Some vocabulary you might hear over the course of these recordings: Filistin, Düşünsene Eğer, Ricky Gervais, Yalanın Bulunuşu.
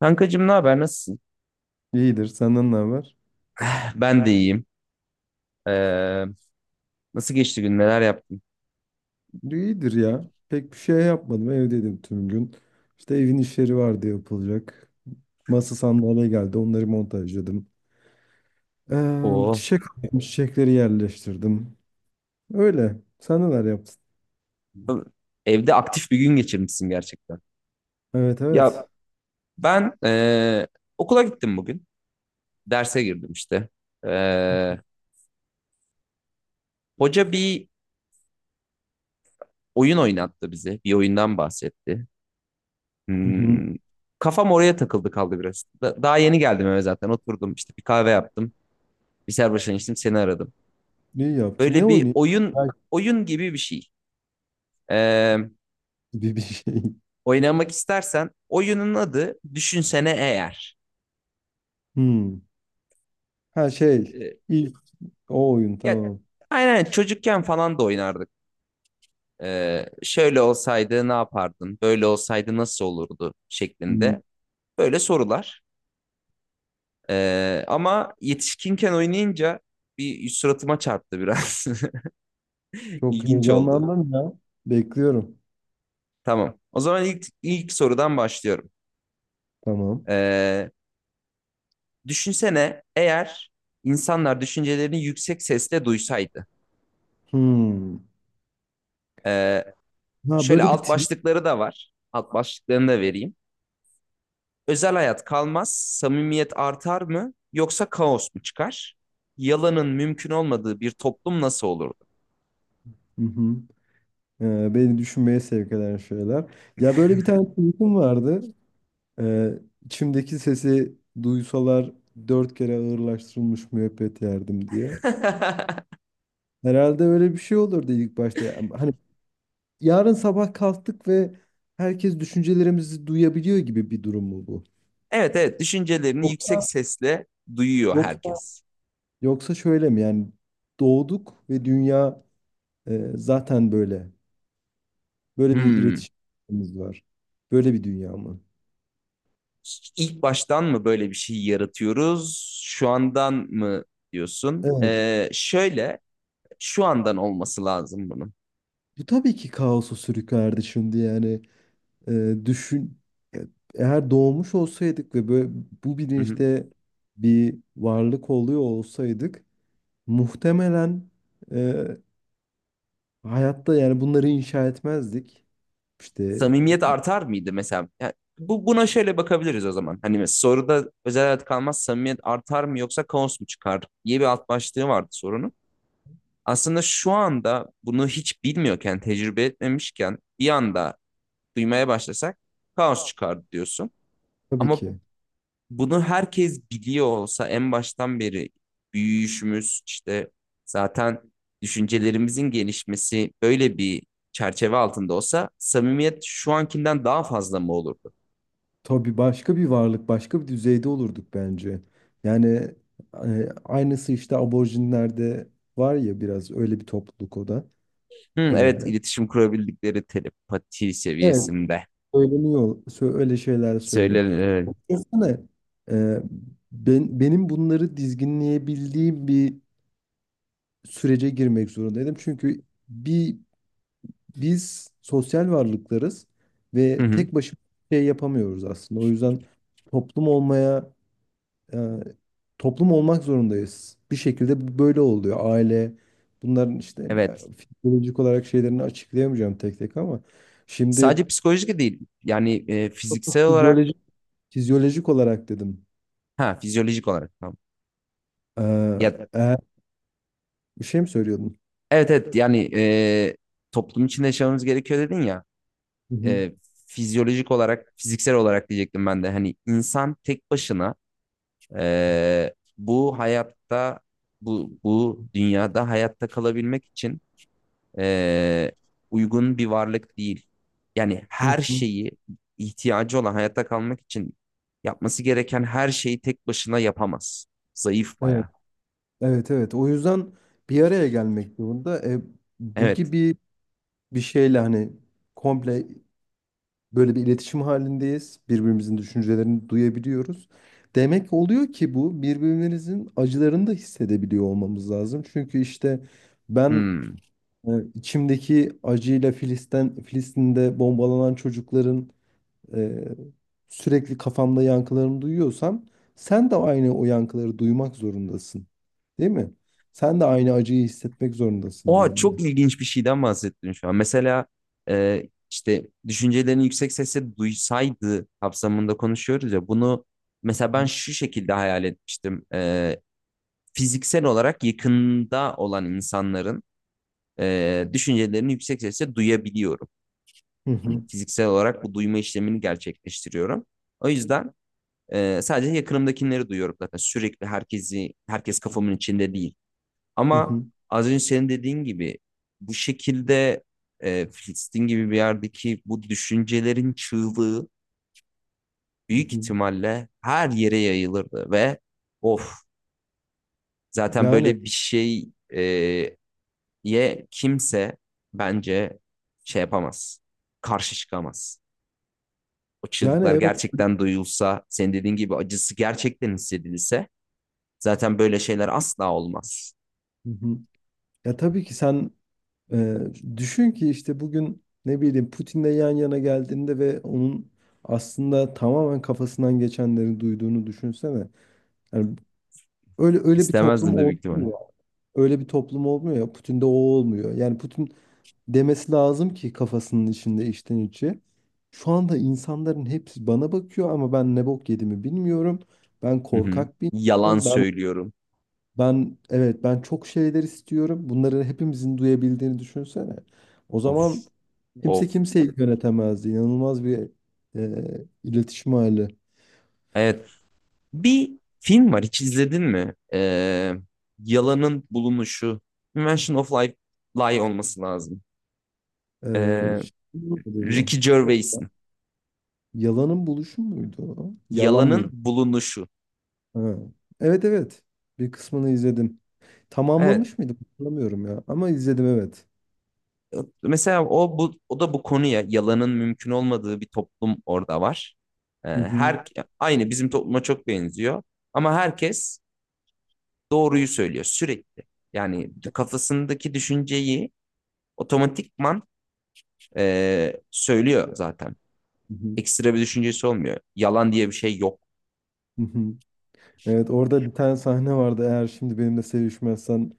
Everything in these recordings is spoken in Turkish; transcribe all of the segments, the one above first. Kankacığım ne haber? Nasılsın? İyidir. Senden ne haber? Ben de iyiyim. Ee, Nasıl geçti gün? Neler yaptın? İyidir ya. Pek bir şey yapmadım. Evdeydim tüm gün. İşte evin işleri vardı yapılacak. Masa sandalye geldi. Onları montajladım. Oo. Çiçek aldım, çiçekleri yerleştirdim. Öyle. Sen neler yaptın? Evde aktif bir gün geçirmişsin gerçekten. Evet, Ya evet. ben okula gittim bugün. Derse girdim işte. Ee, Hoca bir oyun oynattı bize. Bir oyundan bahsetti. Hı hı. Hmm, Kafam oraya takıldı kaldı biraz. Daha yeni geldim eve zaten. Oturdum işte bir kahve yaptım. Bir serbaşan içtim seni aradım. İyi yaptın. Ne Böyle bir oynayayım? Belki oyun gibi bir şey. E, bir şey. oynamak istersen oyunun adı Düşünsene Eğer. Hmm. Ha şey. Ee, İlk o oyun Ya tamam. aynen çocukken falan da oynardık. Şöyle olsaydı ne yapardın? Böyle olsaydı nasıl olurdu Hmm. şeklinde böyle sorular. Ama yetişkinken oynayınca bir suratıma çarptı biraz. Çok İlginç oldu. heyecanlandım ya. Bekliyorum. Tamam. O zaman ilk sorudan başlıyorum. Tamam. Ee, Düşünsene eğer insanlar düşüncelerini yüksek sesle duysaydı. Hmm. Ee, Ha Şöyle böyle bir alt tweet. başlıkları da var. Alt başlıklarını da vereyim. Özel hayat kalmaz, samimiyet artar mı yoksa kaos mu çıkar? Yalanın mümkün olmadığı bir toplum nasıl olurdu? Hı hı. Beni düşünmeye sevk eden şeyler. Ya böyle bir tane tweetim vardı. İçimdeki sesi duysalar dört kere ağırlaştırılmış müebbet yerdim diye. Herhalde öyle bir şey olur ilk başta. Yani hani yarın sabah kalktık ve herkes düşüncelerimizi duyabiliyor gibi bir durum mu bu? Evet, evet, düşüncelerini yüksek Yoksa sesle duyuyor yoksa herkes. yoksa şöyle mi? Yani doğduk ve dünya, zaten böyle. Böyle bir Hmm. iletişimimiz var. Böyle bir dünya mı? İlk baştan mı böyle bir şey yaratıyoruz? Şu andan mı diyorsun? Evet. Şöyle şu andan olması lazım bunun. Bu tabii ki kaosu sürüklerdi şimdi yani. Düşün, e- eğer doğmuş olsaydık ve böyle bu Hı hı. bilinçte bir varlık oluyor olsaydık muhtemelen, e, hayatta yani bunları inşa etmezdik. İşte Samimiyet artar mıydı mesela? Yani buna şöyle bakabiliriz o zaman. Hani soruda özel hayat kalmaz, samimiyet artar mı yoksa kaos mu çıkar diye bir alt başlığı vardı sorunun. Aslında şu anda bunu hiç bilmiyorken, tecrübe etmemişken bir anda duymaya başlasak kaos çıkar diyorsun. tabii Ama ki. bunu herkes biliyor olsa en baştan beri büyüyüşümüz işte zaten düşüncelerimizin gelişmesi böyle bir çerçeve altında olsa samimiyet şu ankinden daha fazla mı olurdu? Tabii başka bir varlık, başka bir düzeyde olurduk bence. Yani, aynısı işte aborjinlerde var ya, biraz öyle bir topluluk o da. Hı, Ee, evet, iletişim kurabildikleri telepati evet, seviyesinde. söyleniyor, öyle şeyler söylüyor. Söyle. Desene, e, benim bunları dizginleyebildiğim bir sürece girmek zorundaydım. Çünkü bir biz sosyal varlıklarız Hı ve hı, tek başımıza bir şey yapamıyoruz aslında. O yüzden toplum olmaya e, toplum olmak zorundayız. Bir şekilde bu böyle oluyor. Aile bunların işte, evet. Fizyolojik olarak şeylerini açıklayamayacağım tek tek, ama şimdi Sadece psikolojik değil. Yani fiziksel olarak fizyolojik fizyolojik olarak dedim. ha fizyolojik olarak tamam. E, Ya eğer bir şey mi söylüyordun? evet, evet, yani toplum içinde yaşamamız gerekiyor dedin ya. e, Fizyolojik olarak, fiziksel olarak diyecektim ben de. Hani insan tek başına bu hayatta, bu dünyada hayatta kalabilmek için e, uygun bir varlık değil. Yani Hı her hı. şeyi ihtiyacı olan hayatta kalmak için yapması gereken her şeyi tek başına yapamaz. Zayıf Evet, bayağı. evet, evet. O yüzden bir araya gelmek zorunda. Bu Evet. gibi bir şeyle hani komple böyle bir iletişim halindeyiz. Birbirimizin düşüncelerini duyabiliyoruz. Demek oluyor ki bu birbirimizin acılarını da hissedebiliyor olmamız lazım. Çünkü işte ben, Hmm. İçimdeki acıyla Filistin'de bombalanan çocukların, e, sürekli kafamda yankılarını duyuyorsam sen de aynı o yankıları duymak zorundasın. Değil mi? Sen de aynı acıyı hissetmek zorundasın Oha, benimle. çok ilginç bir şeyden bahsettin şu an. Mesela e, işte düşüncelerini yüksek sesle duysaydı kapsamında konuşuyoruz ya bunu, mesela ben şu şekilde hayal etmiştim. E, fiziksel olarak yakında olan insanların düşüncelerini yüksek sesle duyabiliyorum. Hı Hani hı, fiziksel olarak bu duyma işlemini gerçekleştiriyorum. O yüzden sadece yakınımdakileri duyuyorum zaten. Sürekli herkes kafamın içinde değil. hı Ama hı, az önce senin dediğin gibi bu şekilde Filistin gibi bir yerdeki bu düşüncelerin çığlığı hı büyük hı. ihtimalle her yere yayılırdı ve of, zaten Yani böyle bir şey e, ye kimse bence şey yapamaz. Karşı çıkamaz. O yani çığlıklar evet. gerçekten duyulsa, senin dediğin gibi acısı gerçekten hissedilse zaten böyle şeyler asla olmaz. Hı hı. Ya tabii ki sen, e, düşün ki işte bugün ne bileyim Putin'le yan yana geldiğinde ve onun aslında tamamen kafasından geçenleri duyduğunu düşünsene. Yani öyle öyle bir toplum İstemezdim de büyük oldu ihtimalle. öyle bir toplum olmuyor ya. Putin'de o olmuyor. Yani Putin demesi lazım ki kafasının içinde içten içe. Şu anda insanların hepsi bana bakıyor ama ben ne bok yediğimi bilmiyorum. Ben Hı hı. korkak bir Yalan insanım. Ben söylüyorum. ben evet, ben çok şeyler istiyorum. Bunları hepimizin duyabildiğini düşünsene. O zaman Of. kimse Of. kimseyi yönetemezdi. İnanılmaz bir, iletişim hali. Evet. Bir film var, hiç izledin mi? Yalanın Bulunuşu. Invention of Life, Lie olması lazım. E, Ee, Şey mi dedi lan? Ricky Gervais'in. Yalanın buluşu muydu o? Yalan Yalanın mıydı? Bulunuşu. Ha. Evet, evet. Bir kısmını izledim. Evet. Tamamlamış mıydım? Hatırlamıyorum ya. Ama izledim, evet. Mesela o da bu konuya, yalanın mümkün olmadığı bir toplum orada var. Hı hı. Her aynı bizim topluma çok benziyor ama herkes doğruyu söylüyor sürekli. Yani kafasındaki düşünceyi otomatikman söylüyor zaten. Hı hı. Ekstra bir düşüncesi olmuyor. Yalan diye bir şey yok. Hı hı. Evet, orada bir tane sahne vardı. Eğer şimdi benimle sevişmezsen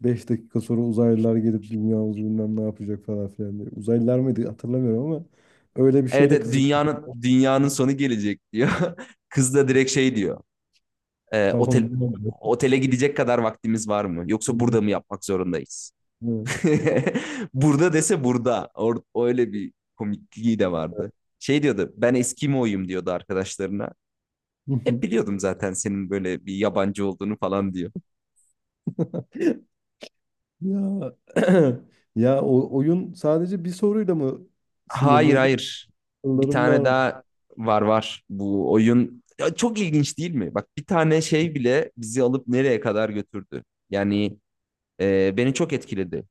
5 dakika sonra uzaylılar gelip dünyamızı bilmem ne yapacak falan filan diye. Uzaylılar mıydı hatırlamıyorum ama öyle bir Evet, şeyle evet, kızık. Dünyanın sonu gelecek diyor. Kız da direkt şey diyor. E, Tamam. otele gidecek kadar vaktimiz var mı? Yoksa Evet. burada mı yapmak zorundayız? Burada dese burada. Öyle bir komikliği de vardı. Şey diyordu, ben Eskimo'yum diyordu arkadaşlarına. Hı. Hep hı. biliyordum zaten senin böyle bir yabancı olduğunu falan diyor. Ya ya o oyun sadece bir soruyla mı sınırlıydı? Hayır. Bir Sorularım var tane mı? daha var bu oyun. Ya çok ilginç değil mi? Bak bir tane şey bile bizi alıp nereye kadar götürdü. Yani beni çok etkiledi.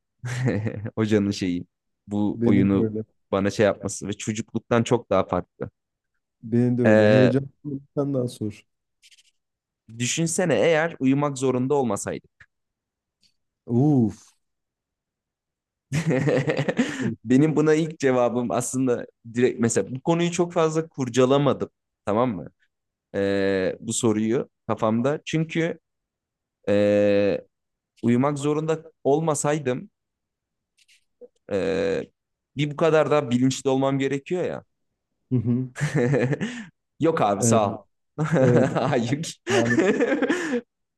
Hocanın şeyi. Bu Beni de oyunu öyle. bana şey yapması ve çocukluktan çok daha farklı. Benim de öyle. E, Heyecan. Sen daha sor. düşünsene eğer uyumak zorunda olmasaydık. Uf. Benim buna ilk cevabım aslında direkt, mesela bu konuyu çok fazla kurcalamadım. Tamam mı? E, bu soruyu kafamda. Çünkü Ee, uyumak zorunda olmasaydım ee, bir bu kadar da bilinçli olmam gerekiyor ya. Hı hı. Yok abi, Evet, sağ ol. evet, evet. Hayır. Yani,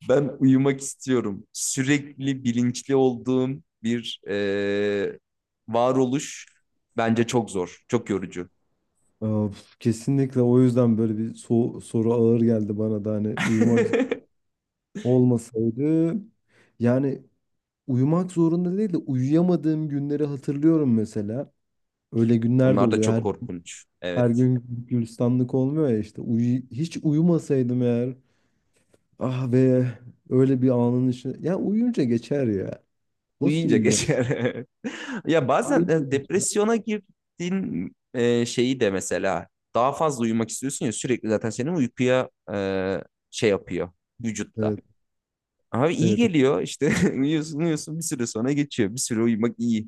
Ben uyumak istiyorum. Sürekli bilinçli olduğum bir varoluş bence çok zor, çok yorucu. of, kesinlikle o yüzden böyle bir soru ağır geldi bana da, hani uyumak olmasaydı, yani uyumak zorunda değil de uyuyamadığım günleri hatırlıyorum mesela. Öyle günler de Onlar da oluyor. çok Her, korkunç. her Evet. gün gülistanlık olmuyor ya işte. Hiç uyumasaydım eğer ah be öyle bir anın içine. Ya uyuyunca geçer ya. Nasıl Uyuyunca uyumak? geçer. Ya bazen depresyona girdiğin şeyi de mesela daha fazla uyumak istiyorsun ya, sürekli zaten senin uykuya şey yapıyor vücutta. Evet. Abi iyi Evet. geliyor işte, uyuyorsun, uyuyorsun, bir süre sonra geçiyor. Bir süre uyumak iyi.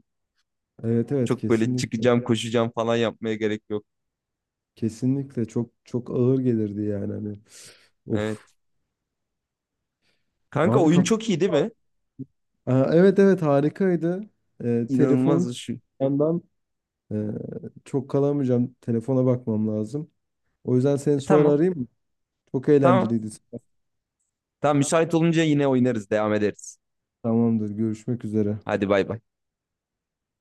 Evet, evet, Çok böyle kesinlikle. çıkacağım, koşacağım falan yapmaya gerek yok. Kesinlikle çok çok ağır gelirdi yani hani. Of. Evet. Kanka Abi oyun kap çok iyi değil mi? Aa, evet, evet, harikaydı. Telefon İnanılmaz şu. yandan, e, çok kalamayacağım. Telefona bakmam lazım. O yüzden seni E, sonra tamam, arayayım mı? Çok tamam. eğlenceliydi. Tamam, müsait olunca yine oynarız, devam ederiz. Tamamdır. Görüşmek üzere. Hadi bay bay.